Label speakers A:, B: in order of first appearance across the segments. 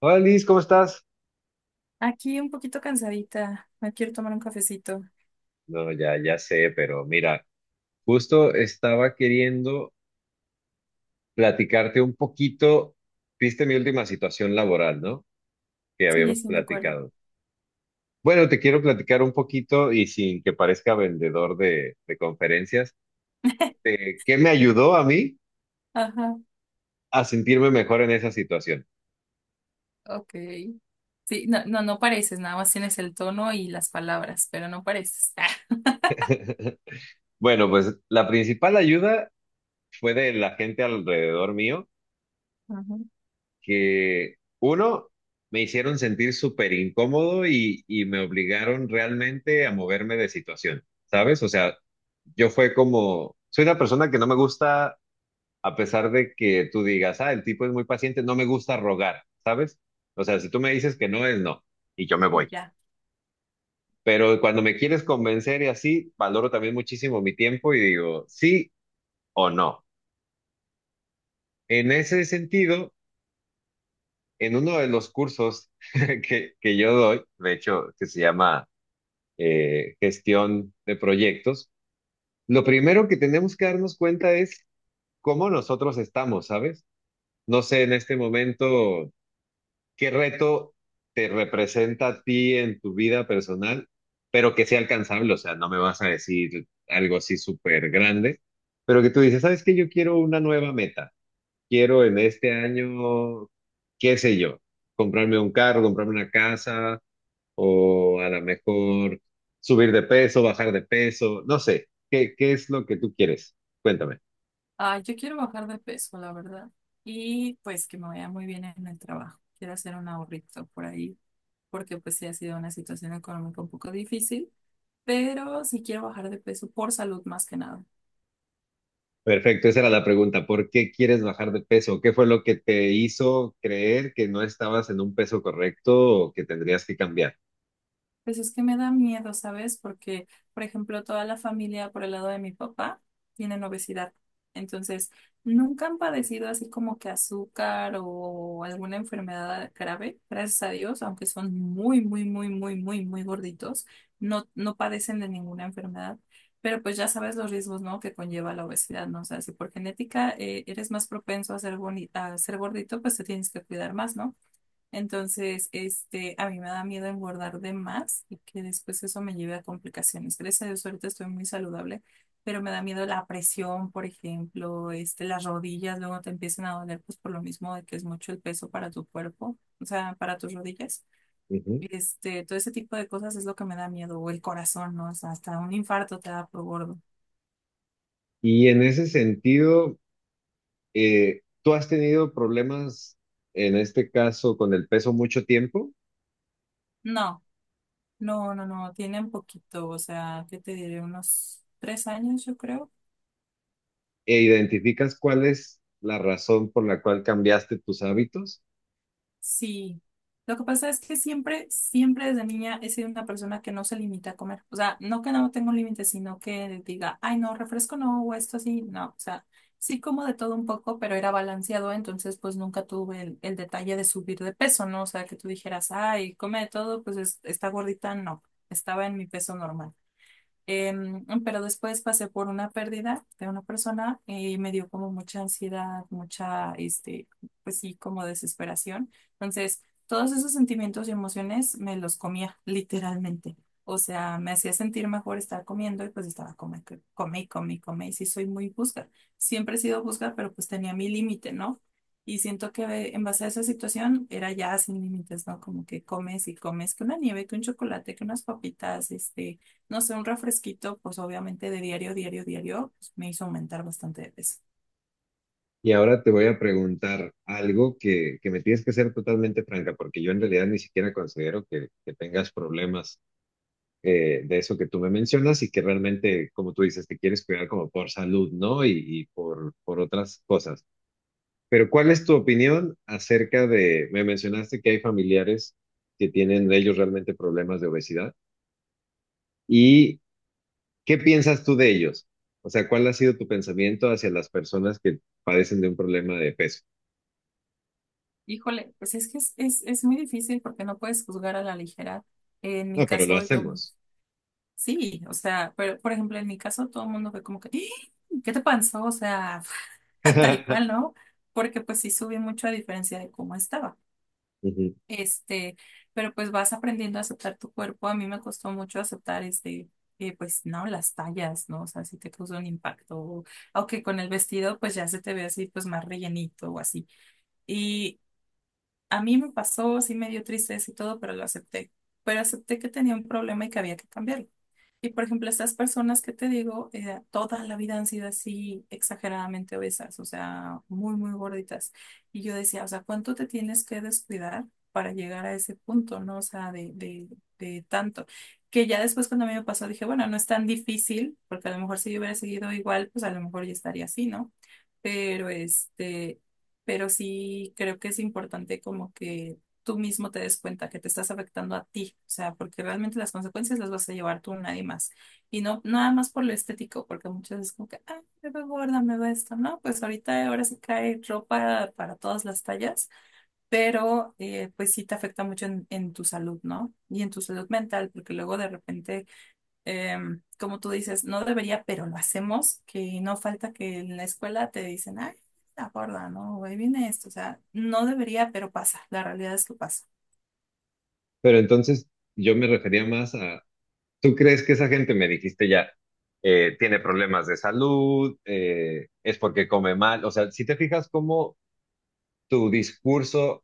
A: Hola Liz, ¿cómo estás?
B: Aquí un poquito cansadita. Me quiero tomar un cafecito.
A: No, ya, ya sé, pero mira, justo estaba queriendo platicarte un poquito, viste mi última situación laboral, ¿no? Que
B: Sí,
A: habíamos
B: sí, me acuerdo.
A: platicado. Bueno, te quiero platicar un poquito y sin que parezca vendedor de conferencias, ¿qué me ayudó a mí
B: Ajá,
A: a sentirme mejor en esa situación?
B: ok. Sí, no, no, no pareces, nada más tienes el tono y las palabras, pero no pareces. Ah,
A: Bueno, pues la principal ayuda fue de la gente alrededor mío
B: ajá,
A: que uno, me hicieron sentir súper incómodo y me obligaron realmente a moverme de situación, ¿sabes? O sea, yo fue como, soy una persona que no me gusta, a pesar de que tú digas, ah, el tipo es muy paciente, no me gusta rogar, ¿sabes? O sea, si tú me dices que no es no, y yo me
B: y
A: voy.
B: ya.
A: Pero cuando me quieres convencer y así, valoro también muchísimo mi tiempo y digo, sí o no. En ese sentido, en uno de los cursos que yo doy, de hecho, que se llama gestión de proyectos, lo primero que tenemos que darnos cuenta es cómo nosotros estamos, ¿sabes? No sé en este momento qué reto te representa a ti en tu vida personal, pero que sea alcanzable, o sea, no me vas a decir algo así súper grande, pero que tú dices, ¿sabes qué? Yo quiero una nueva meta quiero en este año, qué sé yo, comprarme un carro, comprarme una casa o a lo mejor subir de peso, bajar de peso, no sé, ¿qué es lo que tú quieres? Cuéntame.
B: Ah, yo quiero bajar de peso, la verdad. Y pues que me vaya muy bien en el trabajo. Quiero hacer un ahorrito por ahí, porque pues sí ha sido una situación económica un poco difícil, pero sí quiero bajar de peso por salud más que nada.
A: Perfecto, esa era la pregunta. ¿Por qué quieres bajar de peso? ¿Qué fue lo que te hizo creer que no estabas en un peso correcto o que tendrías que cambiar?
B: Pues es que me da miedo, ¿sabes? Porque, por ejemplo, toda la familia por el lado de mi papá tienen obesidad. Entonces, nunca han padecido así como que azúcar o alguna enfermedad grave, gracias a Dios, aunque son muy, muy, muy, muy, muy, muy gorditos, no, no padecen de ninguna enfermedad. Pero pues ya sabes los riesgos, ¿no? Que conlleva la obesidad, ¿no? O sea, si por genética eres más propenso a ser a ser gordito, pues te tienes que cuidar más, ¿no? Entonces, a mí me da miedo engordar de más y que después eso me lleve a complicaciones. Gracias a Dios, ahorita estoy muy saludable, pero me da miedo la presión, por ejemplo, las rodillas luego te empiezan a doler, pues por lo mismo de que es mucho el peso para tu cuerpo, o sea, para tus rodillas.
A: Ujú.
B: Y, todo ese tipo de cosas es lo que me da miedo, o el corazón, ¿no? O sea, hasta un infarto te da por gordo.
A: Y en ese sentido, ¿tú has tenido problemas, en este caso, con el peso mucho tiempo?
B: No, no, no, no, tienen poquito, o sea, ¿qué te diré? Unos 3 años, yo creo.
A: E identificas cuál es la razón por la cual cambiaste tus hábitos.
B: Sí, lo que pasa es que siempre, siempre desde niña he sido una persona que no se limita a comer. O sea, no que no tengo límites, sino que diga, ay, no, refresco no, o esto así, no. O sea, sí como de todo un poco, pero era balanceado, entonces pues nunca tuve el detalle de subir de peso, ¿no? O sea, que tú dijeras, ay, come de todo, pues está gordita, no, estaba en mi peso normal. Pero después pasé por una pérdida de una persona y me dio como mucha ansiedad, mucha, pues sí, como desesperación. Entonces, todos esos sentimientos y emociones me los comía, literalmente. O sea, me hacía sentir mejor estar comiendo y pues estaba come, come y come y come. Y sí, soy muy busca. Siempre he sido busca, pero pues tenía mi límite, ¿no? Y siento que en base a esa situación era ya sin límites, ¿no? Como que comes y comes que una nieve, que un chocolate, que unas papitas, no sé, un refresquito, pues obviamente de diario, diario, diario, pues, me hizo aumentar bastante de peso.
A: Y ahora te voy a preguntar algo que me tienes que ser totalmente franca, porque yo en realidad ni siquiera considero que tengas problemas de eso que tú me mencionas y que realmente, como tú dices, te quieres cuidar como por salud, ¿no? Y por otras cosas. Pero ¿cuál es tu opinión acerca de, me mencionaste que hay familiares que tienen ellos realmente problemas de obesidad y ¿qué piensas tú de ellos? O sea, ¿cuál ha sido tu pensamiento hacia las personas que padecen de un problema de peso?
B: Híjole, pues es que es muy difícil porque no puedes juzgar a la ligera. En mi
A: No, pero lo
B: caso, yo
A: hacemos.
B: sí, o sea, pero por ejemplo, en mi caso todo el mundo fue como que, "¡Ah! ¿qué te pasó? O sea, tal cual, ¿no? Porque pues sí subí mucho a diferencia de cómo estaba.
A: Ujú.
B: Este, pero pues vas aprendiendo a aceptar tu cuerpo. A mí me costó mucho aceptar pues no, las tallas, ¿no? O sea, si te causó un impacto, aunque con el vestido pues ya se te ve así pues más rellenito o así. Y a mí me pasó, sí me dio tristeza y todo, pero lo acepté. Pero acepté que tenía un problema y que había que cambiarlo. Y por ejemplo, estas personas que te digo, toda la vida han sido así exageradamente obesas, o sea, muy, muy gorditas. Y yo decía, o sea, ¿cuánto te tienes que descuidar para llegar a ese punto, ¿no? O sea, de tanto. Que ya después cuando a mí me pasó, dije, bueno, no es tan difícil, porque a lo mejor si yo hubiera seguido igual, pues a lo mejor ya estaría así, ¿no? Pero este, pero sí creo que es importante como que tú mismo te des cuenta que te estás afectando a ti, o sea, porque realmente las consecuencias las vas a llevar tú, nadie más. Y no nada más por lo estético, porque muchas veces como que, ah, me veo gorda, me veo esto, ¿no? Pues ahorita ahora sí cae ropa para todas las tallas, pero pues sí te afecta mucho en tu salud, ¿no? Y en tu salud mental, porque luego de repente, como tú dices, no debería, pero lo hacemos, que no falta que en la escuela te dicen, ay, la gorda, ¿no? Ahí viene esto, o sea, no debería, pero pasa, la realidad es que pasa.
A: Pero entonces yo me refería más a, ¿tú crees que esa gente, me dijiste ya, tiene problemas de salud, es porque come mal? O sea, si te fijas cómo tu discurso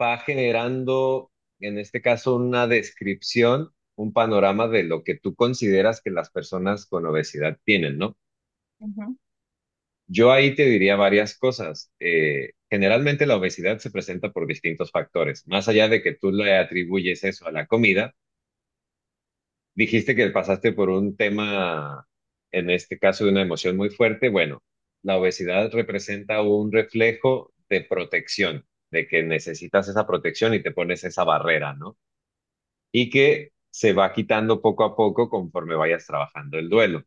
A: va generando, en este caso, una descripción, un panorama de lo que tú consideras que las personas con obesidad tienen, ¿no?
B: Ujú. O
A: Yo ahí te diría varias cosas. Generalmente la obesidad se presenta por distintos factores. Más allá de que tú le atribuyes eso a la comida, dijiste que pasaste por un tema, en este caso, de una emoción muy fuerte. Bueno, la obesidad representa un reflejo de protección, de que necesitas esa protección y te pones esa barrera, ¿no? Y que se va quitando poco a poco conforme vayas trabajando el duelo.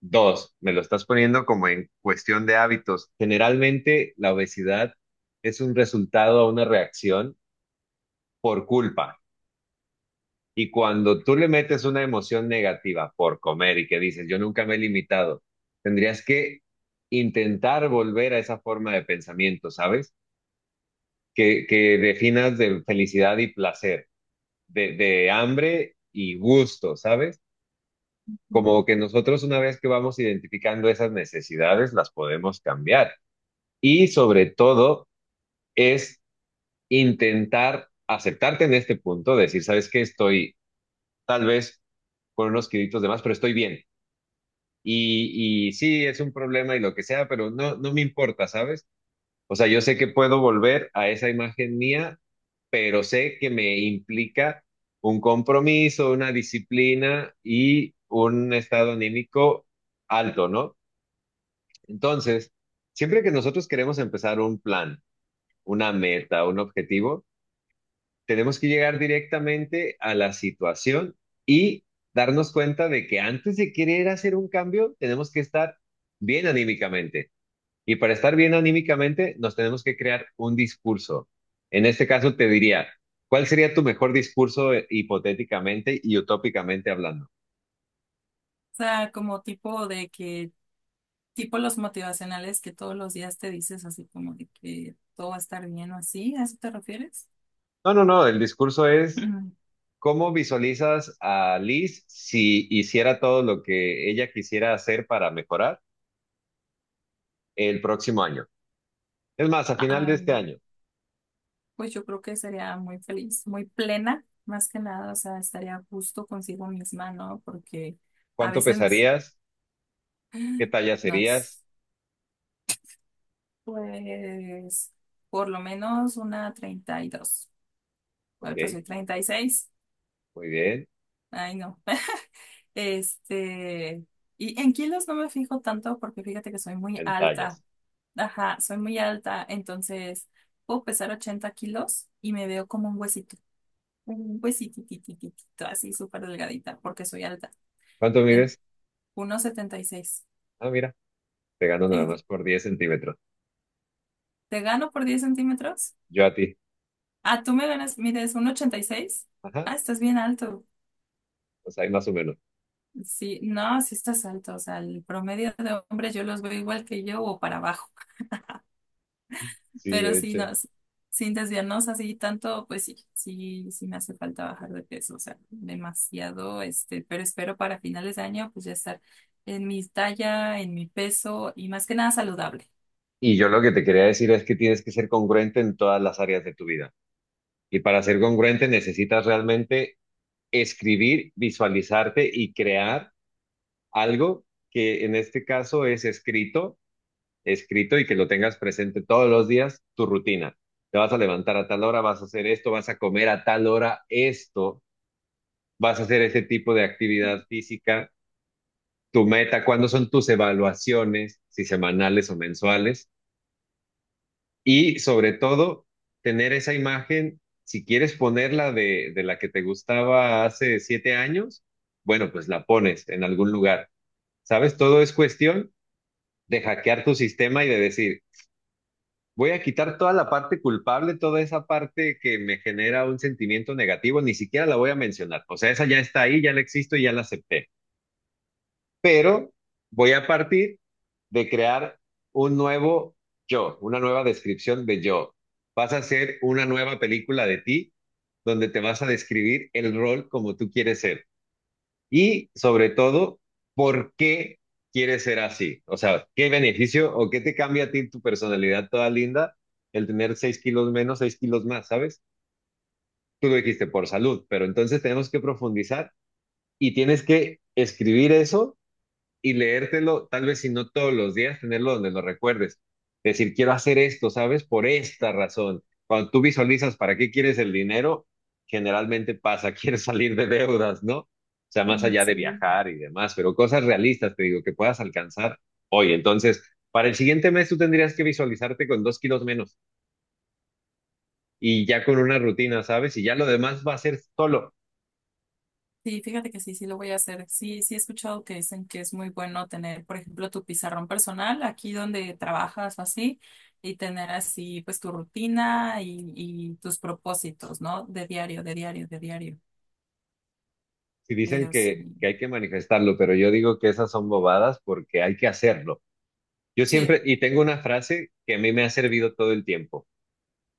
A: Dos, me lo estás poniendo como en cuestión de hábitos. Generalmente la obesidad es un resultado a una reacción por culpa. Y cuando tú le metes una emoción negativa por comer y que dices, yo nunca me he limitado, tendrías que intentar volver a esa forma de pensamiento, ¿sabes? Que definas de felicidad y placer, de hambre y gusto, ¿sabes? Como que nosotros una vez que vamos identificando esas necesidades, las podemos cambiar. Y sobre todo es intentar aceptarte en este punto, decir, sabes que estoy tal vez con unos kilitos de más, pero estoy bien. Y sí, es un problema y lo que sea, pero no, no me importa, ¿sabes? O sea, yo sé que puedo volver a esa imagen mía, pero sé que me implica un compromiso, una disciplina y un estado anímico alto, ¿no? Entonces, siempre que nosotros queremos empezar un plan, una meta, un objetivo, tenemos que llegar directamente a la situación y darnos cuenta de que antes de querer hacer un cambio, tenemos que estar bien anímicamente. Y para estar bien anímicamente, nos tenemos que crear un discurso. En este caso, te diría, ¿cuál sería tu mejor discurso hipotéticamente y utópicamente hablando?
B: sea, como tipo de que, tipo los motivacionales que todos los días te dices así como de que todo va a estar bien o así, ¿a eso te refieres?
A: No, no, no, el discurso es
B: Mm.
A: cómo visualizas a Liz si hiciera todo lo que ella quisiera hacer para mejorar el próximo año. Es más, a final de
B: Ay,
A: este
B: no.
A: año.
B: Pues yo creo que sería muy feliz, muy plena, más que nada, o sea, estaría justo consigo misma, ¿no? Porque a
A: ¿Cuánto
B: veces
A: pesarías? ¿Qué
B: ay,
A: talla serías?
B: nos, pues, por lo menos una 32.
A: Ok,
B: Ahorita soy 36.
A: muy bien,
B: Ay, no. Este, y en kilos no me fijo tanto porque fíjate que soy muy
A: en
B: alta.
A: tallas.
B: Ajá, soy muy alta, entonces puedo pesar 80 kilos y me veo como un huesito, un huesititititito, así súper delgadita porque soy alta,
A: ¿Cuánto
B: en
A: mides?
B: 1,76.
A: Ah, mira, te gano nada
B: Eh,
A: más por 10 cm.
B: ¿Te gano por 10 centímetros?
A: Yo a ti.
B: Ah, tú me ganas, mides 1,86.
A: Ajá,
B: Ah, estás bien alto.
A: pues ahí más o menos.
B: Sí, no, sí estás alto, o sea, el promedio de hombres yo los veo igual que yo o para abajo.
A: Sí,
B: Pero
A: de
B: sí,
A: hecho.
B: no, sin desviarnos así tanto, pues sí, sí, sí me hace falta bajar de peso, o sea, demasiado, pero espero para finales de año pues ya estar en mi talla, en mi peso y más que nada saludable.
A: Y yo lo que te quería decir es que tienes que ser congruente en todas las áreas de tu vida. Y para ser congruente necesitas realmente escribir, visualizarte y crear algo que en este caso es escrito y que lo tengas presente todos los días, tu rutina. Te vas a levantar a tal hora, vas a hacer esto, vas a comer a tal hora esto, vas a hacer ese tipo de actividad física, tu meta, cuándo son tus evaluaciones, si semanales o mensuales, y sobre todo, tener esa imagen, si quieres ponerla de la que te gustaba hace 7 años, bueno, pues la pones en algún lugar. ¿Sabes? Todo es cuestión de hackear tu sistema y de decir, voy a quitar toda la parte culpable, toda esa parte que me genera un sentimiento negativo, ni siquiera la voy a mencionar. O sea, esa ya está ahí, ya la existo y ya la acepté. Pero voy a partir de crear un nuevo yo, una nueva descripción de yo. Vas a hacer una nueva película de ti donde te vas a describir el rol como tú quieres ser. Y sobre todo, ¿por qué quieres ser así? O sea, ¿qué beneficio o qué te cambia a ti tu personalidad toda linda el tener 6 kilos menos, 6 kilos más, ¿sabes? Tú lo dijiste por salud, pero entonces tenemos que profundizar y tienes que escribir eso y leértelo, tal vez si no todos los días, tenerlo donde lo recuerdes. Decir, quiero hacer esto, ¿sabes? Por esta razón. Cuando tú visualizas para qué quieres el dinero, generalmente pasa, quieres salir de deudas, ¿no? O sea, más
B: Mm,
A: allá de
B: sí,
A: viajar y demás, pero cosas realistas, te digo, que puedas alcanzar hoy. Entonces, para el siguiente mes tú tendrías que visualizarte con 2 kilos menos y ya con una rutina, ¿sabes? Y ya lo demás va a ser solo.
B: sí, fíjate que sí, sí lo voy a hacer. Sí, sí he escuchado que dicen que es muy bueno tener, por ejemplo, tu pizarrón personal aquí donde trabajas o así, y tener así pues tu rutina y tus propósitos, ¿no? De diario, de diario, de diario.
A: Si dicen
B: Pero sí.
A: que hay que manifestarlo, pero yo digo que esas son bobadas porque hay que hacerlo. Yo
B: Sí,
A: siempre, y tengo una frase que a mí me ha servido todo el tiempo.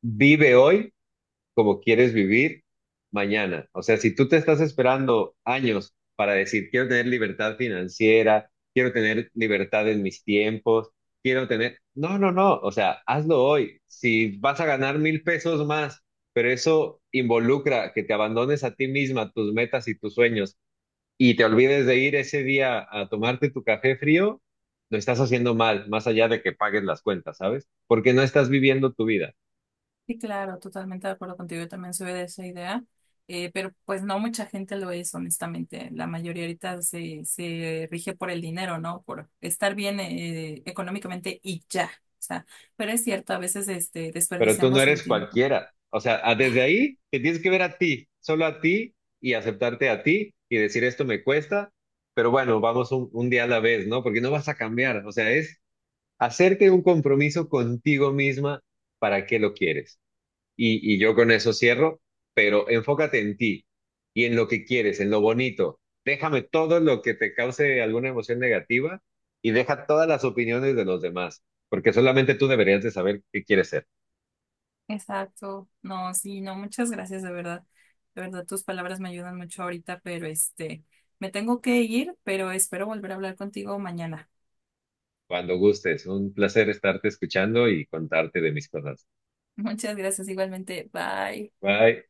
A: Vive hoy como quieres vivir mañana. O sea, si tú te estás esperando años para decir, quiero tener libertad financiera, quiero tener libertad en mis tiempos, quiero tener... No, no, no. O sea, hazlo hoy. Si vas a ganar 1000 pesos más, pero eso involucra que te abandones a ti misma, tus metas y tus sueños y te olvides de ir ese día a tomarte tu café frío, lo estás haciendo mal, más allá de que pagues las cuentas, ¿sabes? Porque no estás viviendo tu vida,
B: sí, claro, totalmente de acuerdo contigo. Yo también soy de esa idea, pero pues no mucha gente lo es, honestamente. La mayoría ahorita se rige por el dinero, ¿no? Por estar bien económicamente y ya. O sea, pero es cierto, a veces
A: pero tú no
B: desperdiciamos
A: eres
B: el tiempo.
A: cualquiera. O sea, a- desde ahí te tienes que ver a ti, solo a ti y aceptarte a ti y decir esto me cuesta, pero bueno, vamos un día a la vez, ¿no? Porque no vas a cambiar. O sea, es hacerte un compromiso contigo misma para qué lo quieres. Y, y yo con eso cierro, pero enfócate en ti y en lo que quieres, en lo bonito. Déjame todo lo que te cause alguna emoción negativa y deja todas las opiniones de los demás, porque solamente tú deberías de saber qué quieres ser.
B: Exacto. No, sí, no, muchas gracias, de verdad. De verdad, tus palabras me ayudan mucho ahorita, pero me tengo que ir, pero espero volver a hablar contigo mañana.
A: Cuando gustes, un placer estarte escuchando y contarte de mis cosas.
B: Muchas gracias, igualmente. Bye.
A: Bye.